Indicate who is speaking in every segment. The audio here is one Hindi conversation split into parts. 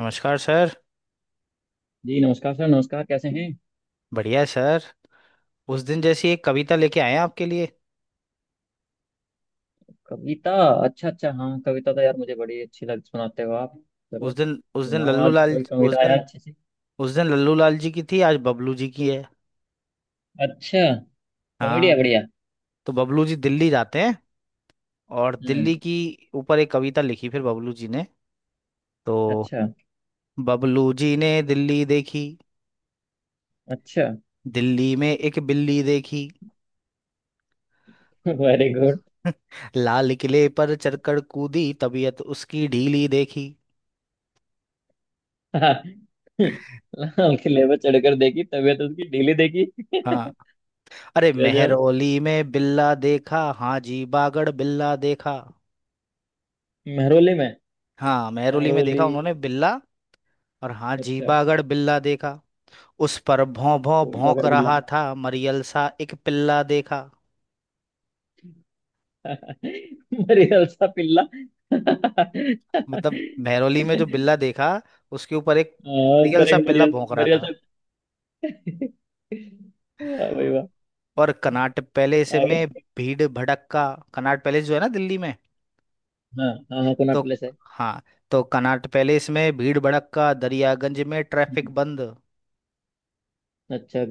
Speaker 1: नमस्कार सर।
Speaker 2: जी नमस्कार सर। नमस्कार, कैसे हैं?
Speaker 1: बढ़िया है सर। उस दिन जैसी एक कविता लेके आए हैं आपके लिए।
Speaker 2: कविता? अच्छा अच्छा, हाँ कविता तो यार मुझे बड़ी अच्छी लग, सुनाते हो आप। चलो
Speaker 1: उस दिन
Speaker 2: सुनाओ
Speaker 1: लल्लू
Speaker 2: आज
Speaker 1: लाल।
Speaker 2: कोई
Speaker 1: उस
Speaker 2: कविता
Speaker 1: दिन
Speaker 2: यार अच्छी सी।
Speaker 1: उस दिन लल्लू लाल जी की थी, आज बबलू जी की है।
Speaker 2: अच्छा। कॉमेडी
Speaker 1: हाँ।
Speaker 2: है, बढ़िया।
Speaker 1: तो बबलू जी दिल्ली जाते हैं। और
Speaker 2: हम्म।
Speaker 1: दिल्ली की ऊपर एक कविता लिखी फिर बबलू जी ने। तो
Speaker 2: अच्छा
Speaker 1: बबलू जी ने दिल्ली देखी।
Speaker 2: अच्छा।
Speaker 1: दिल्ली में एक बिल्ली देखी।
Speaker 2: Very good.
Speaker 1: लाल किले पर चढ़कर कूदी, तबीयत उसकी ढीली देखी।
Speaker 2: लाल किले पर चढ़कर देखी तबीयत उसकी ढीली देखी।
Speaker 1: हाँ। अरे
Speaker 2: गजब।
Speaker 1: मेहरौली में बिल्ला देखा, हाँ जी बागड़ बिल्ला देखा।
Speaker 2: महरोली में।
Speaker 1: हाँ, मेहरौली में
Speaker 2: महरोली।
Speaker 1: देखा उन्होंने बिल्ला। और हाँ जी
Speaker 2: अच्छा।
Speaker 1: बागड़ बिल्ला देखा। उस पर भौं भौं
Speaker 2: कोई
Speaker 1: भौंक
Speaker 2: बगर बिल्ला।
Speaker 1: रहा था, मरियल सा एक पिल्ला देखा।
Speaker 2: मरियल सा पिल्ला।
Speaker 1: मतलब मेहरौली में जो बिल्ला देखा, उसके ऊपर एक
Speaker 2: हाँ,
Speaker 1: मरियल
Speaker 2: पर
Speaker 1: सा
Speaker 2: एक
Speaker 1: पिल्ला
Speaker 2: मरियल
Speaker 1: भौंक रहा
Speaker 2: मरियल
Speaker 1: था।
Speaker 2: सा। वाह भाई वाह।
Speaker 1: और कनाट पैलेस
Speaker 2: आगे।
Speaker 1: में भीड़ भड़क्का। कनाट पैलेस जो है ना दिल्ली में।
Speaker 2: हाँ हाँ हाँ, कोनाट
Speaker 1: तो
Speaker 2: प्लेस है।
Speaker 1: हाँ, तो कनाट पैलेस में भीड़ भड़क्का, दरियागंज में ट्रैफिक
Speaker 2: हम्म।
Speaker 1: बंद।
Speaker 2: अच्छा।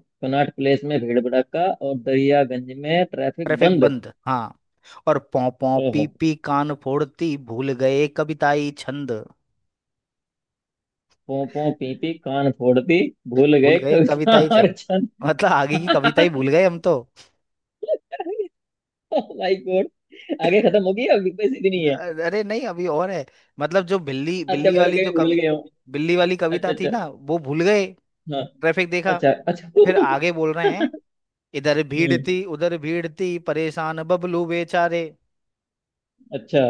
Speaker 2: कोनाट प्लेस में भीड़ भड़क्का और दरियागंज में ट्रैफिक
Speaker 1: ट्रैफिक
Speaker 2: बंद।
Speaker 1: बंद, हाँ। और पौ पौ पी
Speaker 2: ओहो।
Speaker 1: पी कान फोड़ती, भूल गए कविताई छंद।
Speaker 2: पों पों पी पी कान फोड़ दी, भूल
Speaker 1: भूल
Speaker 2: गए
Speaker 1: गए
Speaker 2: कविता
Speaker 1: कविताई
Speaker 2: और
Speaker 1: छंद।
Speaker 2: छंद।
Speaker 1: मतलब आगे की कविता ही भूल गए हम तो।
Speaker 2: Oh my god. आगे खत्म हो गई? अभी कोई सीधी नहीं है।
Speaker 1: अरे नहीं, अभी और है। मतलब जो बिल्ली
Speaker 2: अच्छा,
Speaker 1: बिल्ली
Speaker 2: मैं
Speaker 1: वाली
Speaker 2: कहीं
Speaker 1: जो
Speaker 2: भूल
Speaker 1: कवि
Speaker 2: गया हूँ।
Speaker 1: बिल्ली वाली
Speaker 2: अच्छा
Speaker 1: कविता थी
Speaker 2: अच्छा,
Speaker 1: ना, वो भूल गए।
Speaker 2: हाँ।
Speaker 1: ट्रैफिक देखा।
Speaker 2: अच्छा अच्छा।
Speaker 1: फिर आगे बोल रहे हैं। इधर भीड़
Speaker 2: हम्म।
Speaker 1: थी, उधर भीड़ थी, परेशान बबलू बेचारे।
Speaker 2: अच्छा।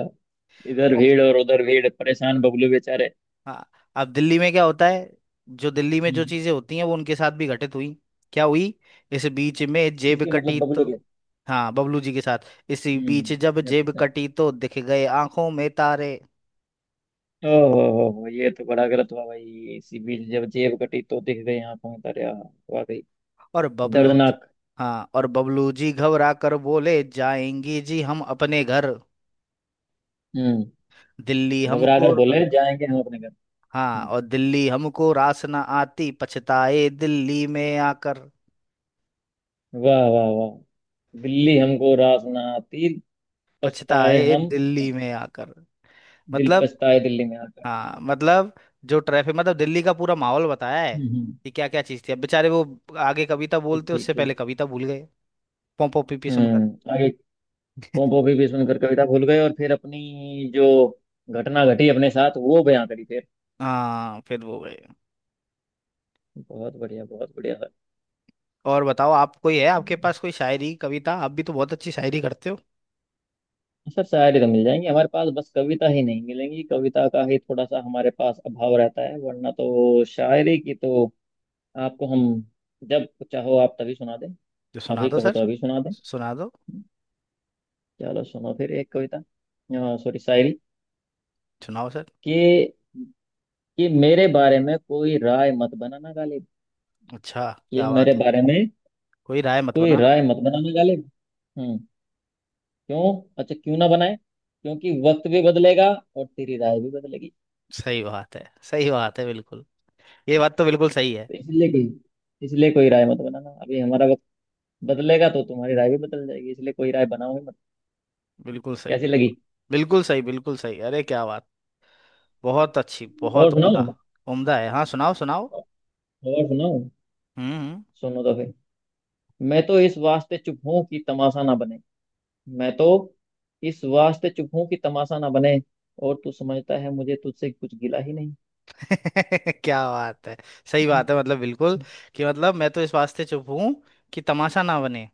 Speaker 2: इधर भीड़ और उधर भीड़, परेशान बबलू बेचारे।
Speaker 1: हाँ। अब दिल्ली में क्या होता है, जो दिल्ली में जो
Speaker 2: हम्म।
Speaker 1: चीजें होती हैं वो उनके साथ भी घटित हुई। क्या हुई? इस बीच में जेब
Speaker 2: किसके, मतलब
Speaker 1: कटी तो।
Speaker 2: बबलू के?
Speaker 1: हाँ, बबलू जी के साथ। इसी बीच जब
Speaker 2: हम्म, अच्छा
Speaker 1: जेब
Speaker 2: अच्छा।
Speaker 1: कटी तो दिख गए आंखों में तारे।
Speaker 2: ओ हो, ये तो बड़ा गलत हुआ भाई। इसी बीच जब जेब कटी तो दिख गए आंखों में तारे। वाकई
Speaker 1: और बबलू।
Speaker 2: दर्दनाक।
Speaker 1: हाँ, और बबलू जी घबरा कर बोले, जाएंगी जी हम अपने घर।
Speaker 2: हम्म।
Speaker 1: दिल्ली
Speaker 2: घबरा
Speaker 1: हमको।
Speaker 2: कर बोले जाएंगे हम अपने घर।
Speaker 1: हाँ,
Speaker 2: हम्म,
Speaker 1: और दिल्ली हमको रास ना आती, पछताए दिल्ली में आकर।
Speaker 2: वाह वाह वाह। दिल्ली हमको रास ना आती, पछताए
Speaker 1: पछताए
Speaker 2: हम।
Speaker 1: दिल्ली में आकर।
Speaker 2: दिल
Speaker 1: मतलब।
Speaker 2: पछताए दिल्ली में आकर।
Speaker 1: हाँ मतलब जो ट्रैफिक, मतलब दिल्ली का पूरा माहौल बताया है
Speaker 2: हम्म हम्म,
Speaker 1: कि क्या क्या चीज़ थी। अब बेचारे वो आगे कविता
Speaker 2: ठीक
Speaker 1: बोलते
Speaker 2: ठीक
Speaker 1: उससे पहले
Speaker 2: ठीक।
Speaker 1: कविता भूल गए पोंपो पीपी सुनकर।
Speaker 2: हम्म, आगे। पोंपो भी सुनकर कविता भूल गए, और फिर अपनी जो घटना घटी अपने साथ वो बयां करी फिर।
Speaker 1: हाँ फिर वो गए।
Speaker 2: बहुत बढ़िया, बहुत बढ़िया
Speaker 1: और बताओ आप, कोई है आपके पास
Speaker 2: सर।
Speaker 1: कोई शायरी कविता? आप भी तो बहुत अच्छी शायरी करते हो।
Speaker 2: सर शायरी तो मिल जाएंगी हमारे पास, बस कविता ही नहीं मिलेंगी। कविता का ही थोड़ा सा हमारे पास अभाव रहता है, वरना तो शायरी की तो आपको हम जब चाहो आप तभी सुना दें।
Speaker 1: जो सुना
Speaker 2: अभी
Speaker 1: दो
Speaker 2: कहो तो
Speaker 1: सर।
Speaker 2: अभी सुना दें।
Speaker 1: सुना दो।
Speaker 2: चलो सुनो फिर एक कविता, सॉरी शायरी।
Speaker 1: सुनाओ सर।
Speaker 2: कि कि मेरे बारे में कोई राय मत बनाना गालिब।
Speaker 1: अच्छा,
Speaker 2: कि
Speaker 1: क्या
Speaker 2: मेरे
Speaker 1: बात है।
Speaker 2: बारे में
Speaker 1: कोई राय मत
Speaker 2: कोई
Speaker 1: बनाना।
Speaker 2: राय मत बनाना गालिब। हम्म। क्यों? अच्छा, क्यों ना बनाए? क्योंकि वक्त भी बदलेगा और तेरी राय भी बदलेगी।
Speaker 1: सही बात है। सही बात है बिल्कुल। ये बात तो बिल्कुल सही है।
Speaker 2: तो इसलिए कोई, इसलिए कोई राय मत बनाना अभी हमारा। बदलेगा तो तुम्हारी राय भी बदल जाएगी, इसलिए कोई राय बनाओ ही मत।
Speaker 1: बिल्कुल सही
Speaker 2: कैसी
Speaker 1: बिल्कुल।
Speaker 2: लगी?
Speaker 1: बिल्कुल सही, बिल्कुल सही, अरे क्या बात। बहुत अच्छी,
Speaker 2: और
Speaker 1: बहुत उम्दा।
Speaker 2: सुनाओ।
Speaker 1: उम्दा है। हाँ सुनाओ सुनाओ।
Speaker 2: और सुनाओ।
Speaker 1: हम्म।
Speaker 2: सुनो तो फिर। मैं तो इस वास्ते चुप हूं कि तमाशा ना बने। मैं तो इस वास्ते चुप हूं कि तमाशा ना बने, और तू समझता है मुझे तुझसे कुछ गिला ही नहीं।
Speaker 1: क्या बात है। सही बात है, मतलब बिल्कुल। कि मतलब मैं तो इस वास्ते चुप हूं कि तमाशा ना बने,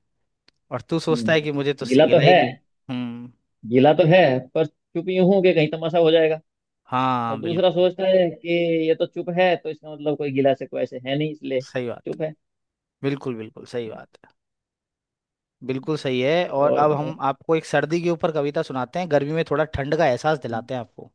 Speaker 1: और तू सोचता है कि मुझे
Speaker 2: हम्म।
Speaker 1: तुझसे
Speaker 2: गिला तो
Speaker 1: गिला ही
Speaker 2: है।
Speaker 1: नहीं। हम्म।
Speaker 2: गिला तो है, पर चुप यूं हूं कि कहीं तमाशा हो जाएगा। और
Speaker 1: हाँ
Speaker 2: दूसरा
Speaker 1: बिल्कुल।
Speaker 2: सोचता है कि ये तो चुप है, तो इसका मतलब कोई गिला से कोई ऐसे है नहीं, इसलिए
Speaker 1: सही बात
Speaker 2: चुप है।
Speaker 1: बिल्कुल। बिल्कुल सही बात है। बिल्कुल सही है। और
Speaker 2: और
Speaker 1: अब
Speaker 2: बताओ।
Speaker 1: हम आपको एक सर्दी के ऊपर कविता सुनाते हैं, गर्मी में थोड़ा ठंड का एहसास दिलाते हैं आपको।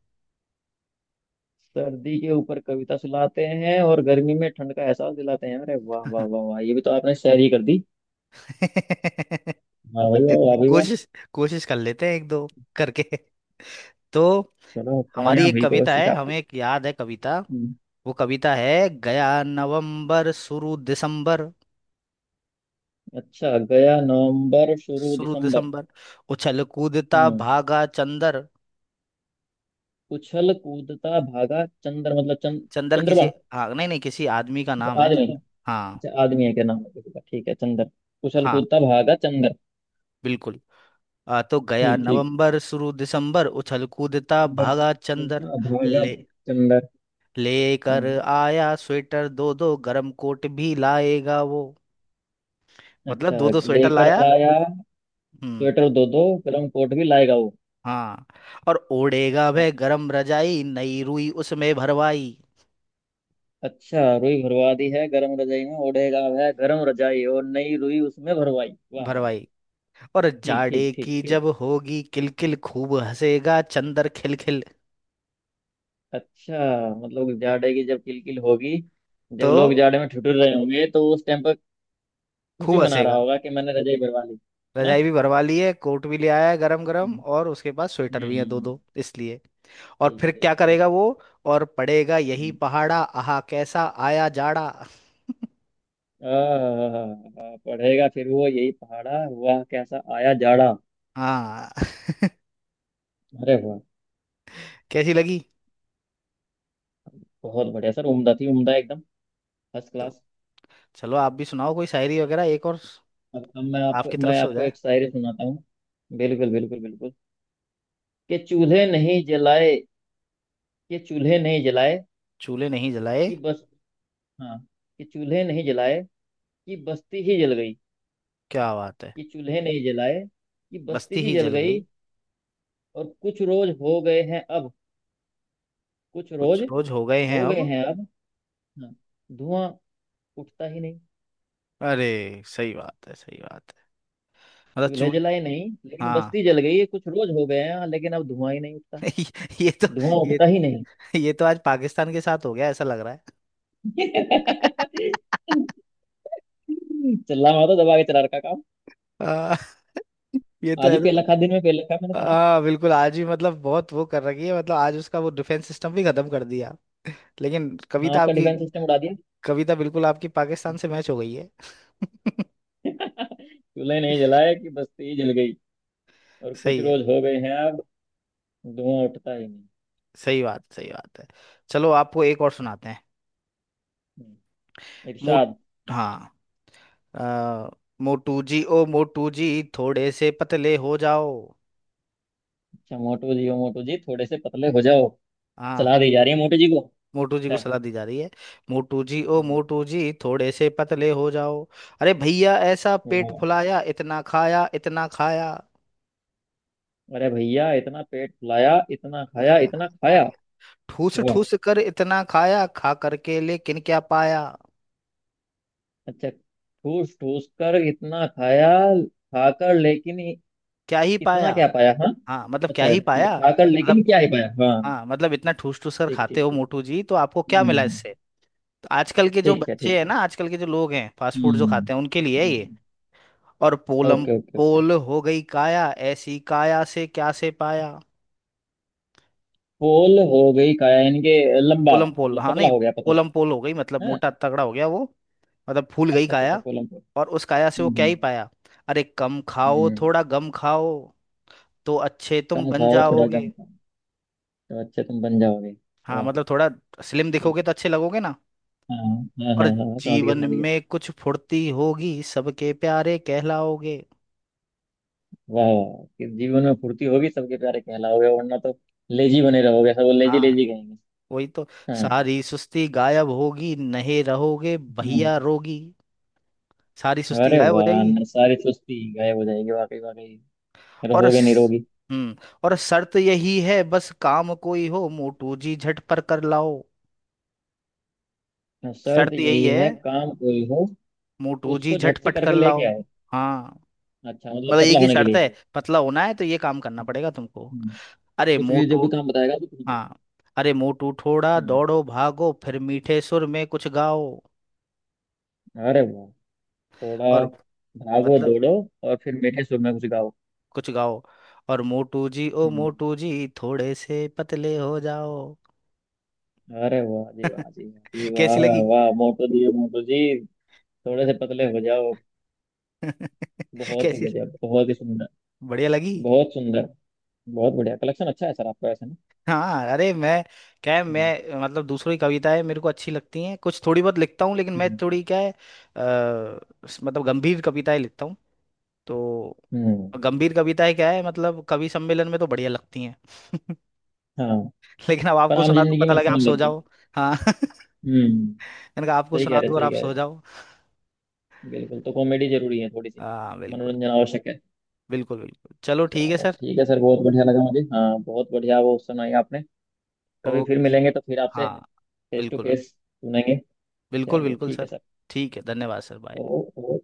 Speaker 2: सर्दी के ऊपर कविता सुनाते हैं और गर्मी में ठंड का एहसास दिलाते हैं, अरे वाह वाह वाह वाह, ये भी तो आपने शायरी कर दी। वाह भाई वाह, वाह भाई वाह।
Speaker 1: कोशिश। कोशिश कर लेते हैं एक दो करके। तो
Speaker 2: चलो
Speaker 1: हमारी
Speaker 2: कामयाब
Speaker 1: एक
Speaker 2: हुई
Speaker 1: कविता
Speaker 2: कोशिश
Speaker 1: है,
Speaker 2: आपकी।
Speaker 1: हमें एक याद है कविता।
Speaker 2: हम्म,
Speaker 1: वो कविता है, गया नवंबर शुरू दिसंबर।
Speaker 2: अच्छा। गया नवंबर शुरू
Speaker 1: शुरू
Speaker 2: दिसंबर।
Speaker 1: दिसंबर, उछल कूदता
Speaker 2: हम्म।
Speaker 1: भागा चंदर।
Speaker 2: उछल कूदता भागा चंद्र, मतलब चंद?
Speaker 1: चंदर किसी,
Speaker 2: चंद्रमा?
Speaker 1: हाँ नहीं नहीं, किसी आदमी का नाम
Speaker 2: अच्छा
Speaker 1: है
Speaker 2: आदमी?
Speaker 1: चंदर। हाँ।
Speaker 2: अच्छा, आदमी है? क्या नाम है किसी का? ठीक है, चंद्र। उछल
Speaker 1: हाँ
Speaker 2: कूदता भागा चंद्र।
Speaker 1: बिल्कुल। तो गया
Speaker 2: ठीक ठीक।
Speaker 1: नवंबर शुरू दिसंबर, उछल कूदता
Speaker 2: चंद्र
Speaker 1: भागा चंदर।
Speaker 2: कूदता भागा
Speaker 1: ले
Speaker 2: चंद्र।
Speaker 1: लेकर
Speaker 2: हम्म।
Speaker 1: आया स्वेटर दो दो, गरम कोट भी लाएगा वो।
Speaker 2: अच्छा।
Speaker 1: मतलब दो दो स्वेटर, अच्छा
Speaker 2: लेकर
Speaker 1: लाया।
Speaker 2: आया
Speaker 1: हम्म।
Speaker 2: स्वेटर दो दो, गर्म कोट भी लाएगा वो।
Speaker 1: हाँ। और ओढ़ेगा वह
Speaker 2: अच्छा,
Speaker 1: गरम रजाई, नई रुई उसमें भरवाई।
Speaker 2: अच्छा। रुई भरवा दी है गरम रजाई में। ओढ़ेगा वह गरम रजाई और नई रुई उसमें भरवाई, वाह वाह वाह।
Speaker 1: भरवाई। और
Speaker 2: ठीक ठीक
Speaker 1: जाड़े
Speaker 2: ठीक
Speaker 1: की
Speaker 2: ठीक।
Speaker 1: जब होगी किलकिल, खूब हंसेगा चंदर खिलखिल।
Speaker 2: अच्छा, मतलब जाड़े की जब किलकिल होगी, जब
Speaker 1: तो
Speaker 2: लोग जाड़े में ठिठुर रहे होंगे तो उस टाइम पर खुशी
Speaker 1: खूब
Speaker 2: मना रहा
Speaker 1: हंसेगा।
Speaker 2: होगा कि मैंने रजाई भरवा ली, है ना?
Speaker 1: रजाई भी भरवा ली है, कोट भी ले आया है गरम गरम,
Speaker 2: हम्म।
Speaker 1: और उसके पास स्वेटर भी
Speaker 2: हम्म
Speaker 1: है दो
Speaker 2: हम्म,
Speaker 1: दो, इसलिए। और
Speaker 2: ठीक
Speaker 1: फिर
Speaker 2: ठीक
Speaker 1: क्या
Speaker 2: ठीक।
Speaker 1: करेगा वो? और पड़ेगा यही
Speaker 2: हम्म।
Speaker 1: पहाड़ा, आहा कैसा आया जाड़ा।
Speaker 2: पढ़ेगा फिर वो यही पहाड़ा, वाह कैसा आया जाड़ा।
Speaker 1: हाँ।
Speaker 2: अरे वाह।
Speaker 1: कैसी लगी?
Speaker 2: बहुत बढ़िया सर, उम्दा थी, उम्दा एकदम। फर्स्ट
Speaker 1: तो
Speaker 2: क्लास।
Speaker 1: चलो आप भी सुनाओ कोई शायरी वगैरह, एक और
Speaker 2: अब मैं आपको
Speaker 1: आपकी तरफ
Speaker 2: मैं
Speaker 1: से हो
Speaker 2: आपको
Speaker 1: जाए।
Speaker 2: एक शायरी सुनाता हूँ। बिल्कुल बिल्कुल बिल्कुल। कि चूल्हे नहीं जलाए। कि चूल्हे नहीं जलाए।
Speaker 1: चूल्हे नहीं जलाए।
Speaker 2: कि बस, हाँ। कि चूल्हे नहीं जलाए कि बस्ती ही जल गई।
Speaker 1: क्या बात है।
Speaker 2: कि चूल्हे नहीं जलाए कि बस्ती
Speaker 1: बस्ती
Speaker 2: ही
Speaker 1: ही
Speaker 2: जल
Speaker 1: जल
Speaker 2: गई।
Speaker 1: गई।
Speaker 2: और कुछ रोज हो गए हैं अब, कुछ रोज
Speaker 1: कुछ रोज हो गए हैं
Speaker 2: हो गए
Speaker 1: अब।
Speaker 2: हैं अब, हाँ, धुआं उठता ही नहीं।
Speaker 1: अरे सही बात है, सही बात है। मतलब
Speaker 2: चूल्हे
Speaker 1: चूल।
Speaker 2: जलाए नहीं, लेकिन
Speaker 1: हाँ।
Speaker 2: बस्ती जल गई है। कुछ रोज हो गए हैं, लेकिन अब धुआं ही नहीं उठता।
Speaker 1: ये तो।
Speaker 2: धुआं
Speaker 1: ये
Speaker 2: उठता ही
Speaker 1: ये तो आज पाकिस्तान के साथ हो गया, ऐसा लग रहा है।
Speaker 2: नहीं। चल रहा, मैं तो दबा के चला रखा काम।
Speaker 1: आ, ये तो
Speaker 2: आज ही
Speaker 1: ऐसा।
Speaker 2: पेल रखा, दिन में पेल रखा है मैंने सुना।
Speaker 1: हाँ बिल्कुल, आज ही मतलब बहुत वो कर रखी है, मतलब आज उसका वो डिफेंस सिस्टम भी खत्म कर दिया। लेकिन
Speaker 2: हाँ,
Speaker 1: कविता
Speaker 2: उसका
Speaker 1: आपकी।
Speaker 2: डिफेंस सिस्टम उड़ा दिया।
Speaker 1: कविता बिल्कुल आपकी पाकिस्तान से मैच हो गई है।
Speaker 2: चूल्हे नहीं जलाए कि बस्ती जल गई, और कुछ
Speaker 1: सही है।
Speaker 2: रोज हो गए हैं अब, धुआं उठता ही नहीं।
Speaker 1: सही बात, सही बात है। चलो आपको एक और सुनाते हैं।
Speaker 2: हम्म।
Speaker 1: मूड।
Speaker 2: इरशाद।
Speaker 1: हाँ। आ, मोटू जी ओ मोटू जी, थोड़े से पतले हो जाओ।
Speaker 2: अच्छा, मोटू जी ओ मोटू जी, थोड़े से पतले हो जाओ।
Speaker 1: हाँ।
Speaker 2: सलाह दी जा रही है मोटू जी को।
Speaker 1: मोटू जी को
Speaker 2: अच्छा।
Speaker 1: सलाह दी जा रही है। मोटू जी ओ
Speaker 2: हम्म,
Speaker 1: मोटू जी, थोड़े से पतले हो जाओ। अरे भैया ऐसा पेट
Speaker 2: वाह।
Speaker 1: फुलाया, इतना खाया, इतना खाया,
Speaker 2: अरे भैया इतना पेट फुलाया, इतना
Speaker 1: इतना
Speaker 2: खाया
Speaker 1: खाया,
Speaker 2: इतना
Speaker 1: इतना
Speaker 2: खाया।
Speaker 1: खाया। ठूस
Speaker 2: वाह।
Speaker 1: ठूस कर इतना खाया, खा करके लेकिन क्या पाया?
Speaker 2: अच्छा ठूस ठूस कर इतना खाया, खाकर लेकिन
Speaker 1: क्या ही
Speaker 2: कितना
Speaker 1: पाया।
Speaker 2: क्या पाया, हाँ।
Speaker 1: हाँ मतलब क्या
Speaker 2: अच्छा,
Speaker 1: ही पाया,
Speaker 2: लिखा कर
Speaker 1: मतलब।
Speaker 2: लेकिन क्या ही पाया, हाँ।
Speaker 1: हाँ मतलब इतना ठूस ठूस कर
Speaker 2: ठीक
Speaker 1: खाते
Speaker 2: ठीक
Speaker 1: हो
Speaker 2: ठीक।
Speaker 1: मोटू जी, तो आपको क्या मिला
Speaker 2: हम्म।
Speaker 1: इससे? तो आजकल के जो
Speaker 2: ठीक है
Speaker 1: बच्चे
Speaker 2: ठीक
Speaker 1: हैं
Speaker 2: है।
Speaker 1: ना, आजकल के जो लोग हैं, फास्ट फूड जो
Speaker 2: हम्म।
Speaker 1: खाते हैं उनके लिए है ये।
Speaker 2: हम्म।
Speaker 1: और पोलम
Speaker 2: ओके ओके ओके।
Speaker 1: पोल हो गई काया, ऐसी काया से क्या से पाया?
Speaker 2: पोल हो गई काया, यानी कि लंबा?
Speaker 1: पोलम पोल,
Speaker 2: मतलब
Speaker 1: हाँ
Speaker 2: पतला
Speaker 1: नहीं।
Speaker 2: हो गया,
Speaker 1: पोलम
Speaker 2: पतला
Speaker 1: पोल हो गई, मतलब
Speaker 2: है?
Speaker 1: मोटा तगड़ा हो गया वो। मतलब फूल गई
Speaker 2: अच्छा अच्छा अच्छा,
Speaker 1: काया।
Speaker 2: पोलम पोल।
Speaker 1: और उस काया से वो क्या ही
Speaker 2: हम्म।
Speaker 1: पाया? अरे कम खाओ,
Speaker 2: हम्म।
Speaker 1: थोड़ा गम खाओ, तो अच्छे तुम
Speaker 2: कम
Speaker 1: बन
Speaker 2: खाओ, थोड़ा
Speaker 1: जाओगे।
Speaker 2: कम खाओ, तो अच्छे तुम बन जाओगे।
Speaker 1: हाँ
Speaker 2: वाह।
Speaker 1: मतलब थोड़ा स्लिम
Speaker 2: ठीक।
Speaker 1: दिखोगे तो अच्छे लगोगे ना।
Speaker 2: हाँ हाँ
Speaker 1: और
Speaker 2: हाँ, हाँ समझ गया
Speaker 1: जीवन
Speaker 2: समझ गया।
Speaker 1: में कुछ फुर्ती होगी, सबके प्यारे कहलाओगे।
Speaker 2: वाह वाह वाह। कि जीवन में फुर्ती होगी, सबके प्यारे कहलाओगे, वरना तो लेजी बने रहोगे, सब लेजी
Speaker 1: हाँ
Speaker 2: लेजी कहेंगे।
Speaker 1: वही तो।
Speaker 2: हाँ।
Speaker 1: सारी सुस्ती गायब होगी, नहीं रहोगे
Speaker 2: हाँ।
Speaker 1: भैया रोगी। सारी सुस्ती
Speaker 2: अरे
Speaker 1: गायब हो
Speaker 2: वाह,
Speaker 1: जाएगी।
Speaker 2: अंदर सारी सुस्ती गायब हो जाएगी, वाकई वाकई,
Speaker 1: और
Speaker 2: रहोगे
Speaker 1: स-
Speaker 2: निरोगी।
Speaker 1: हम्म। और शर्त यही है, बस काम कोई हो मोटू जी झट पर कर लाओ।
Speaker 2: तो शर्त
Speaker 1: शर्त यही
Speaker 2: यही
Speaker 1: है
Speaker 2: है, काम कोई हो
Speaker 1: मोटू जी
Speaker 2: उसको
Speaker 1: झट
Speaker 2: झट से
Speaker 1: पट कर
Speaker 2: करके लेके
Speaker 1: लाओ।
Speaker 2: आए।
Speaker 1: हाँ
Speaker 2: अच्छा, मतलब
Speaker 1: मतलब एक
Speaker 2: पतला
Speaker 1: ही
Speaker 2: होने के
Speaker 1: शर्त
Speaker 2: लिए।
Speaker 1: है, पतला होना है तो ये काम करना पड़ेगा तुमको।
Speaker 2: हम्म,
Speaker 1: अरे
Speaker 2: कुछ भी, जो
Speaker 1: मोटू।
Speaker 2: भी काम बताएगा तो कुछ भी।
Speaker 1: हाँ। अरे मोटू थोड़ा
Speaker 2: हम्म।
Speaker 1: दौड़ो भागो, फिर मीठे सुर में कुछ गाओ।
Speaker 2: अरे वाह, थोड़ा
Speaker 1: और
Speaker 2: भागो
Speaker 1: मतलब
Speaker 2: दौड़ो और फिर मीठे सुर में कुछ गाओ।
Speaker 1: कुछ गाओ, और मोटू जी ओ
Speaker 2: हम्म।
Speaker 1: मोटू जी, थोड़े से पतले हो जाओ।
Speaker 2: अरे वाह जी वाह जी वाह जी
Speaker 1: कैसी लगी?
Speaker 2: वाह। वाह, मोटो जी मोटो जी, थोड़े से पतले हो जाओ। बहुत ही
Speaker 1: कैसी,
Speaker 2: गजब, बहुत ही सुंदर।
Speaker 1: बढ़िया लगी?
Speaker 2: बहुत सुंदर। बहुत बढ़िया कलेक्शन अच्छा है सर आपका ऐसे ना।
Speaker 1: हाँ। अरे मैं क्या है,
Speaker 2: हम्म।
Speaker 1: मैं मतलब दूसरों की कविताएं मेरे को अच्छी लगती हैं, कुछ थोड़ी बहुत लिखता हूँ लेकिन मैं
Speaker 2: हम्म
Speaker 1: थोड़ी क्या है मतलब गंभीर कविताएं लिखता हूँ। तो
Speaker 2: हम्म,
Speaker 1: गंभीर कविताएं क्या है, मतलब कवि सम्मेलन में तो बढ़िया लगती हैं।
Speaker 2: हाँ।
Speaker 1: लेकिन अब
Speaker 2: पर
Speaker 1: आपको
Speaker 2: आम
Speaker 1: सुना दूँ,
Speaker 2: जिंदगी
Speaker 1: पता
Speaker 2: में
Speaker 1: लगे
Speaker 2: अच्छी
Speaker 1: आप
Speaker 2: नहीं
Speaker 1: सो
Speaker 2: लगती।
Speaker 1: जाओ। हाँ।
Speaker 2: हम्म।
Speaker 1: मैंने कहा आपको
Speaker 2: सही कह
Speaker 1: सुना
Speaker 2: रहे,
Speaker 1: दूँ और
Speaker 2: सही
Speaker 1: आप
Speaker 2: कह रहे।
Speaker 1: सो जाओ।
Speaker 2: बिल्कुल, तो कॉमेडी जरूरी है थोड़ी सी।
Speaker 1: हाँ बिल्कुल।
Speaker 2: मनोरंजन आवश्यक है।
Speaker 1: बिल्कुल बिल्कुल। चलो ठीक है
Speaker 2: चलो
Speaker 1: सर।
Speaker 2: ठीक है सर, बहुत बढ़िया लगा मुझे, हाँ बहुत बढ़िया वो सुनाई आपने। कभी फिर
Speaker 1: ओके।
Speaker 2: मिलेंगे तो फिर आपसे
Speaker 1: हाँ
Speaker 2: फेस टू
Speaker 1: बिल्कुल बिल्कुल।
Speaker 2: फेस सुनेंगे।
Speaker 1: बिल्कुल
Speaker 2: चलिए
Speaker 1: बिल्कुल
Speaker 2: ठीक है
Speaker 1: सर।
Speaker 2: सर।
Speaker 1: ठीक है, धन्यवाद सर, बाय।
Speaker 2: ओ, ओ,